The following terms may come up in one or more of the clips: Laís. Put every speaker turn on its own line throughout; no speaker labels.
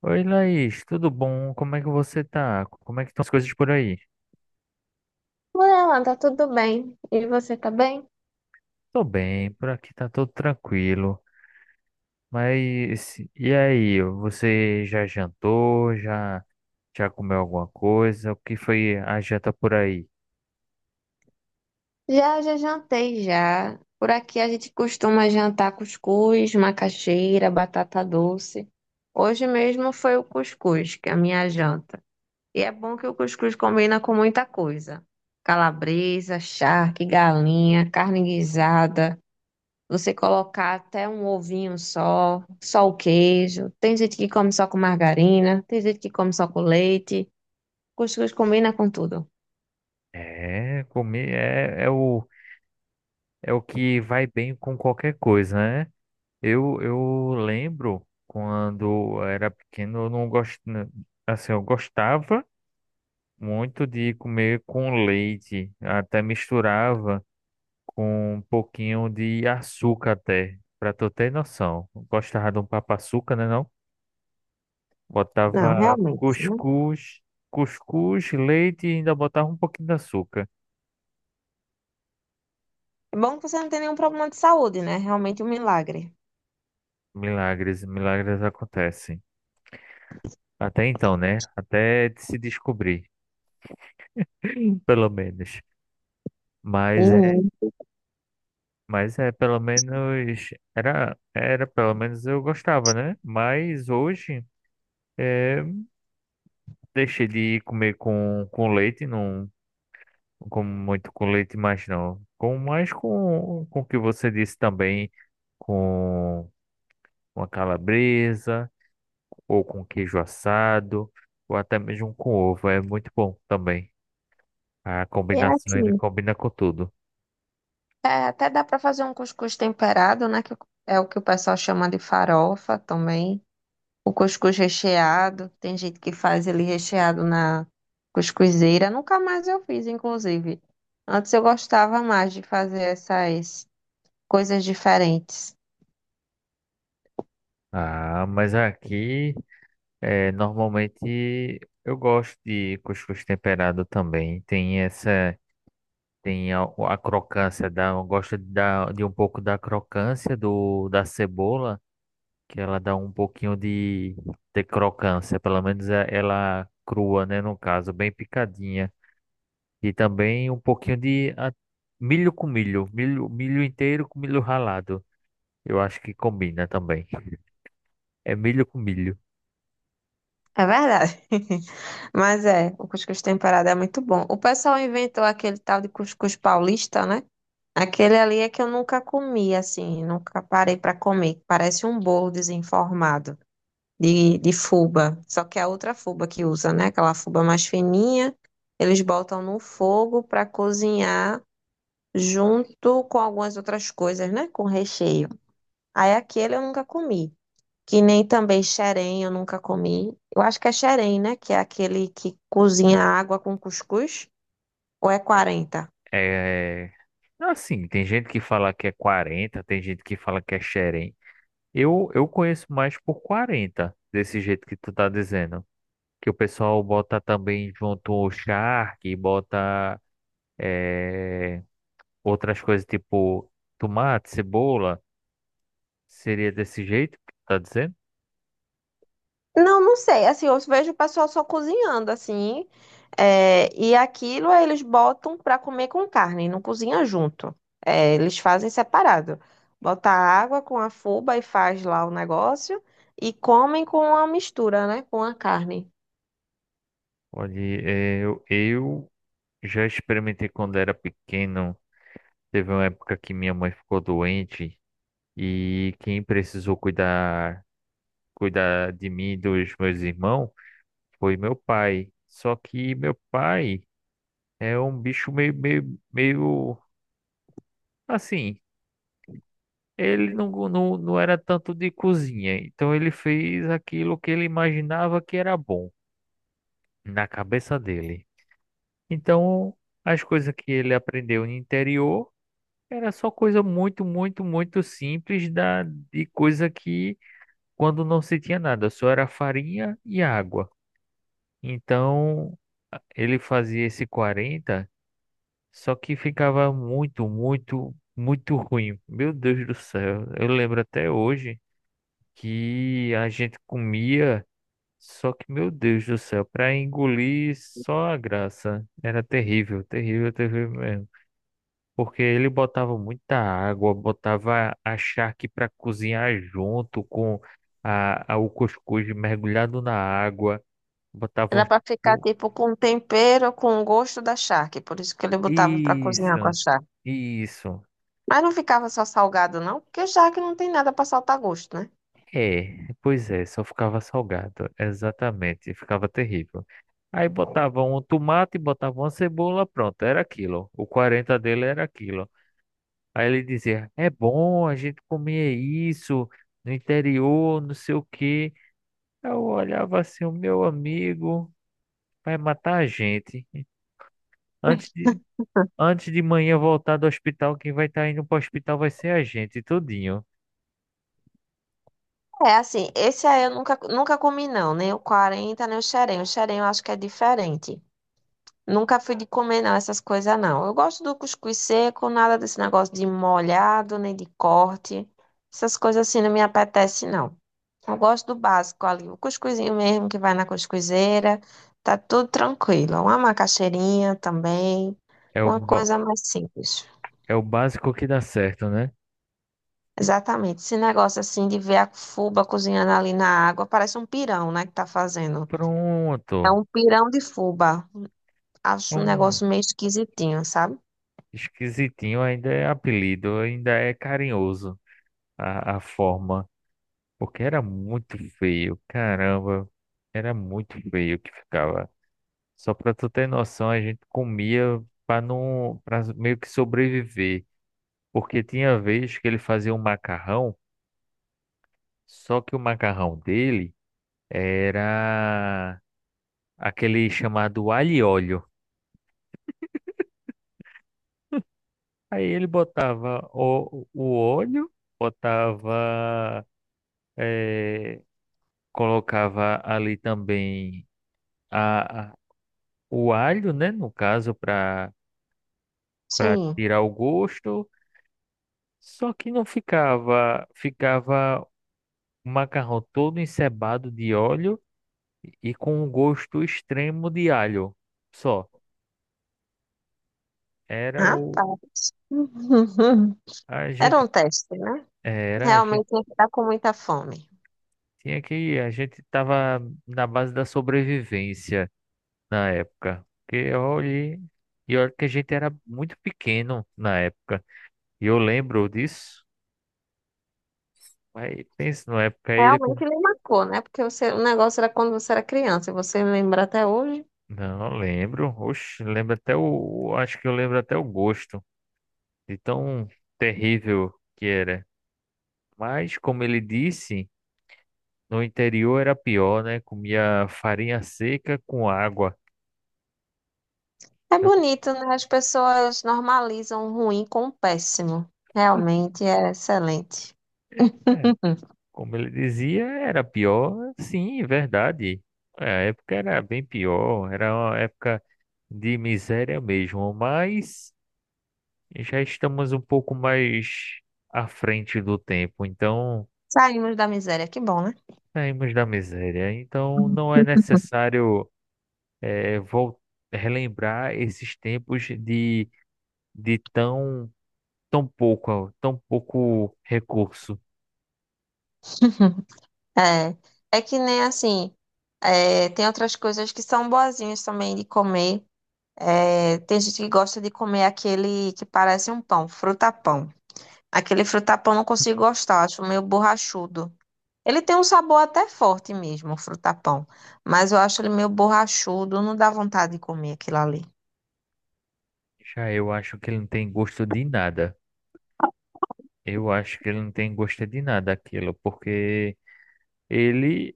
Oi, Laís, tudo bom? Como é que você tá? Como é que estão as coisas por aí?
Por ela, tá tudo bem. E você tá bem?
Tô bem, por aqui tá tudo tranquilo. Mas e aí, você já jantou? Já comeu alguma coisa? O que foi a janta por aí?
Já jantei já. Por aqui a gente costuma jantar cuscuz, macaxeira, batata doce. Hoje mesmo foi o cuscuz, que é a minha janta. E é bom que o cuscuz combina com muita coisa. Calabresa, charque, galinha, carne guisada. Você colocar até um ovinho só, só o queijo. Tem gente que come só com margarina, tem gente que come só com leite. Cuscuz combina com tudo.
Comer é o que vai bem com qualquer coisa, né? Eu lembro quando eu era pequeno, eu não gosto assim, eu gostava muito de comer com leite, até misturava com um pouquinho de açúcar até, pra tu ter noção. Gostava de um papa-açúcar, né não?
Não,
Botava
realmente, né?
cuscuz, leite e ainda botava um pouquinho de açúcar.
É bom que você não tem nenhum problema de saúde, né? Realmente um milagre.
Milagres, milagres acontecem. Até então, né? Até se descobrir, pelo menos. Mas é,
Sim.
mas é pelo menos era pelo menos eu gostava, né? Mas hoje é, deixei de comer com leite, não, não como muito com leite, mas não. Mais com o que você disse também, com uma calabresa, ou com queijo assado, ou até mesmo com ovo, é muito bom também. A
E
combinação, ele
assim,
combina com tudo.
é, até dá para fazer um cuscuz temperado, né? Que é o que o pessoal chama de farofa também. O cuscuz recheado, tem gente que faz ele recheado na cuscuzeira. Nunca mais eu fiz, inclusive. Antes eu gostava mais de fazer essas coisas diferentes.
Ah, mas aqui, é, normalmente, eu gosto de cuscuz temperado também. Tem a crocância da eu gosto de um pouco da crocância da cebola, que ela dá um pouquinho de crocância, pelo menos é- ela crua, né, no caso, bem picadinha. E também um pouquinho de milho com milho, milho inteiro com milho ralado. Eu acho que combina também. É milho com milho.
É verdade. Mas é, o cuscuz temperado é muito bom. O pessoal inventou aquele tal de cuscuz paulista, né? Aquele ali é que eu nunca comi, assim, nunca parei para comer. Parece um bolo desenformado de fubá. Só que é a outra fubá que usa, né? Aquela fubá mais fininha, eles botam no fogo para cozinhar junto com algumas outras coisas, né? Com recheio. Aí aquele eu nunca comi. Que nem também xerém eu nunca comi. Eu acho que é xerém, né? Que é aquele que cozinha água com cuscuz. Ou é 40?
É assim, tem gente que fala que é quarenta, tem gente que fala que é xerém. Eu conheço mais por 40 desse jeito que tu tá dizendo. Que o pessoal bota também junto o charque, bota eh, outras coisas tipo tomate, cebola. Seria desse jeito que tu tá dizendo?
Não, não sei. Assim, eu vejo o pessoal só cozinhando, assim. É, e aquilo aí eles botam pra comer com carne, não cozinha junto. É, eles fazem separado. Bota água com a fuba e faz lá o negócio. E comem com a mistura, né? Com a carne.
Olha, eu já experimentei quando era pequeno. Teve uma época que minha mãe ficou doente e quem precisou cuidar de mim e dos meus irmãos foi meu pai. Só que meu pai é um bicho meio assim. Ele não era tanto de cozinha, então ele fez aquilo que ele imaginava que era bom na cabeça dele. Então, as coisas que ele aprendeu no interior era só coisa muito, muito, muito simples de coisa que quando não se tinha nada, só era farinha e água. Então, ele fazia esse quarenta. Só que ficava muito, muito, muito ruim. Meu Deus do céu. Eu lembro até hoje que a gente comia, só que, meu Deus do céu, para engolir só a graça. Era terrível, terrível, terrível mesmo. Porque ele botava muita água, botava a charque para cozinhar junto com o cuscuz mergulhado na água,
Era
botava
pra ficar,
um.
tipo, com tempero, com o gosto da charque. Por isso que ele botava pra cozinhar com a
Isso,
charque.
isso.
Mas não ficava só salgado, não. Porque charque não tem nada pra saltar gosto, né?
É, pois é, só ficava salgado, exatamente, ficava terrível. Aí botava um tomate, botava uma cebola, pronto, era aquilo. O 40 dele era aquilo. Aí ele dizia: é bom, a gente comia isso no interior, não sei o quê. Eu olhava assim: o meu amigo vai matar a gente. Antes de, Antes de manhã voltar do hospital, quem vai estar indo para o hospital vai ser a gente, tudinho.
É, assim, esse aí eu nunca comi não, nem o 40 nem o xerém. O xerém eu acho que é diferente. Nunca fui de comer não, essas coisas não. Eu gosto do cuscuz seco, nada desse negócio de molhado, nem de corte. Essas coisas assim não me apetece não. Eu gosto do básico ali, o cuscuzinho mesmo que vai na cuscuzeira, tá tudo tranquilo. Uma macaxeirinha também,
É o,
uma
ba-
coisa mais simples.
É o básico que dá certo, né?
Exatamente, esse negócio assim de ver a fuba cozinhando ali na água, parece um pirão, né, que tá fazendo. É
Pronto.
um pirão de fubá. Acho um
Pronto.
negócio meio esquisitinho, sabe?
Esquisitinho ainda é apelido, ainda é carinhoso a forma, porque era muito feio, caramba, era muito feio que ficava. Só pra tu ter noção, a gente comia pra não, para meio que sobreviver, porque tinha vez que ele fazia um macarrão, só que o macarrão dele era aquele chamado alho e óleo. Aí ele botava o óleo, botava eh, colocava ali também a, a- o alho, né, no caso, para
Sim.
tirar o gosto, só que não ficava, ficava o macarrão todo encebado de óleo e com um gosto extremo de alho. Só era o
Rapaz.
a
Era
gente
um teste, né?
era a gente
Realmente tinha que estar com muita fome.
tinha que A gente tava na base da sobrevivência na época. Porque olhe, e olha que a gente era muito pequeno na época. E eu lembro disso. Mas pense na época aí ele. Com-
Realmente lhe marcou, né? Porque você- o negócio era quando você era criança e você lembra até hoje.
Não, lembro. Oxe, lembro até o... Acho que eu lembro até o gosto de tão terrível que era. Mas, como ele disse, no interior era pior, né? Comia farinha seca com água.
É
Então,
bonito, né? As pessoas normalizam o ruim com o péssimo. Realmente é excelente.
é, como ele dizia, era pior. Sim, verdade. É, a época era bem pior. Era uma época de miséria mesmo. Mas já estamos um pouco mais à frente do tempo. Então.
Saímos da miséria, que bom, né?
Saímos da miséria, então não é necessário eh, vol- relembrar esses tempos de tão pouco recurso.
É, é que nem assim, é, tem outras coisas que são boazinhas também de comer. É, tem gente que gosta de comer aquele que parece um pão, frutapão. Aquele frutapão eu não consigo gostar, acho meio borrachudo. Ele tem um sabor até forte mesmo, o frutapão, mas eu acho ele meio borrachudo, não dá vontade de comer aquilo ali.
Já eu acho que ele não tem gosto de nada. Eu acho que ele não tem gosto de nada aquilo, porque ele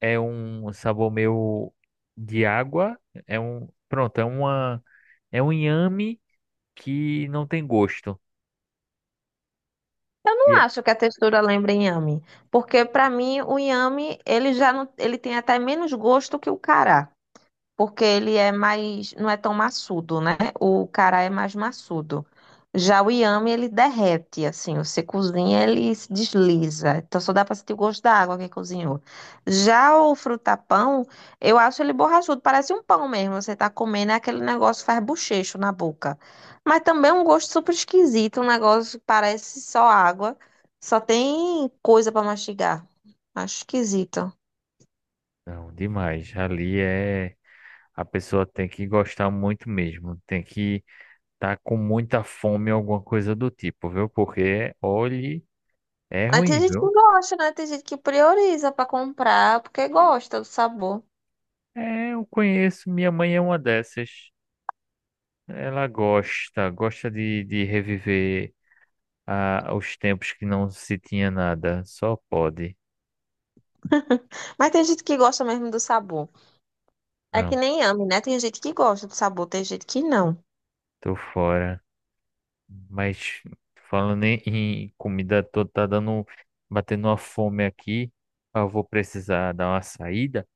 é um sabor meio de água, é é um inhame que não tem gosto. E
Não
é-
acho que a textura lembra inhame, porque para mim o inhame, ele já não, ele tem até menos gosto que o cará. Porque ele é mais, não é tão massudo, né? O cará é mais massudo. Já o inhame, ele derrete, assim, você cozinha, ele se desliza. Então só dá para sentir o gosto da água que cozinhou. Já o frutapão, eu acho ele borrachudo, parece um pão mesmo. Você tá comendo, é aquele negócio que faz bochecho na boca. Mas também é um gosto super esquisito, um negócio que parece só água, só tem coisa para mastigar. Acho esquisito.
Não, demais. Ali é. A pessoa tem que gostar muito mesmo, tem que estar com muita fome, alguma coisa do tipo, viu? Porque, olhe, é
Mas tem
ruim,
gente que
viu?
gosta, né? Tem gente que prioriza pra comprar porque gosta do sabor.
É, eu conheço, minha mãe é uma dessas. Ela gosta, gosta de reviver os tempos que não se tinha nada, só pode.
Mas tem gente que gosta mesmo do sabor. É que
Não,
nem ame, né? Tem gente que gosta do sabor, tem gente que não.
tô fora. Mas falando em comida, tô tá dando, batendo uma fome aqui. Eu vou precisar dar uma saída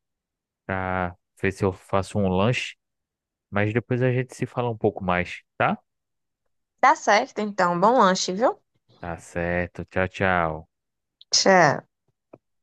pra ver se eu faço um lanche, mas depois a gente se fala um pouco mais, tá?
Tá certo, então. Bom lanche, viu?
Tá certo. Tchau, tchau.
Tchau.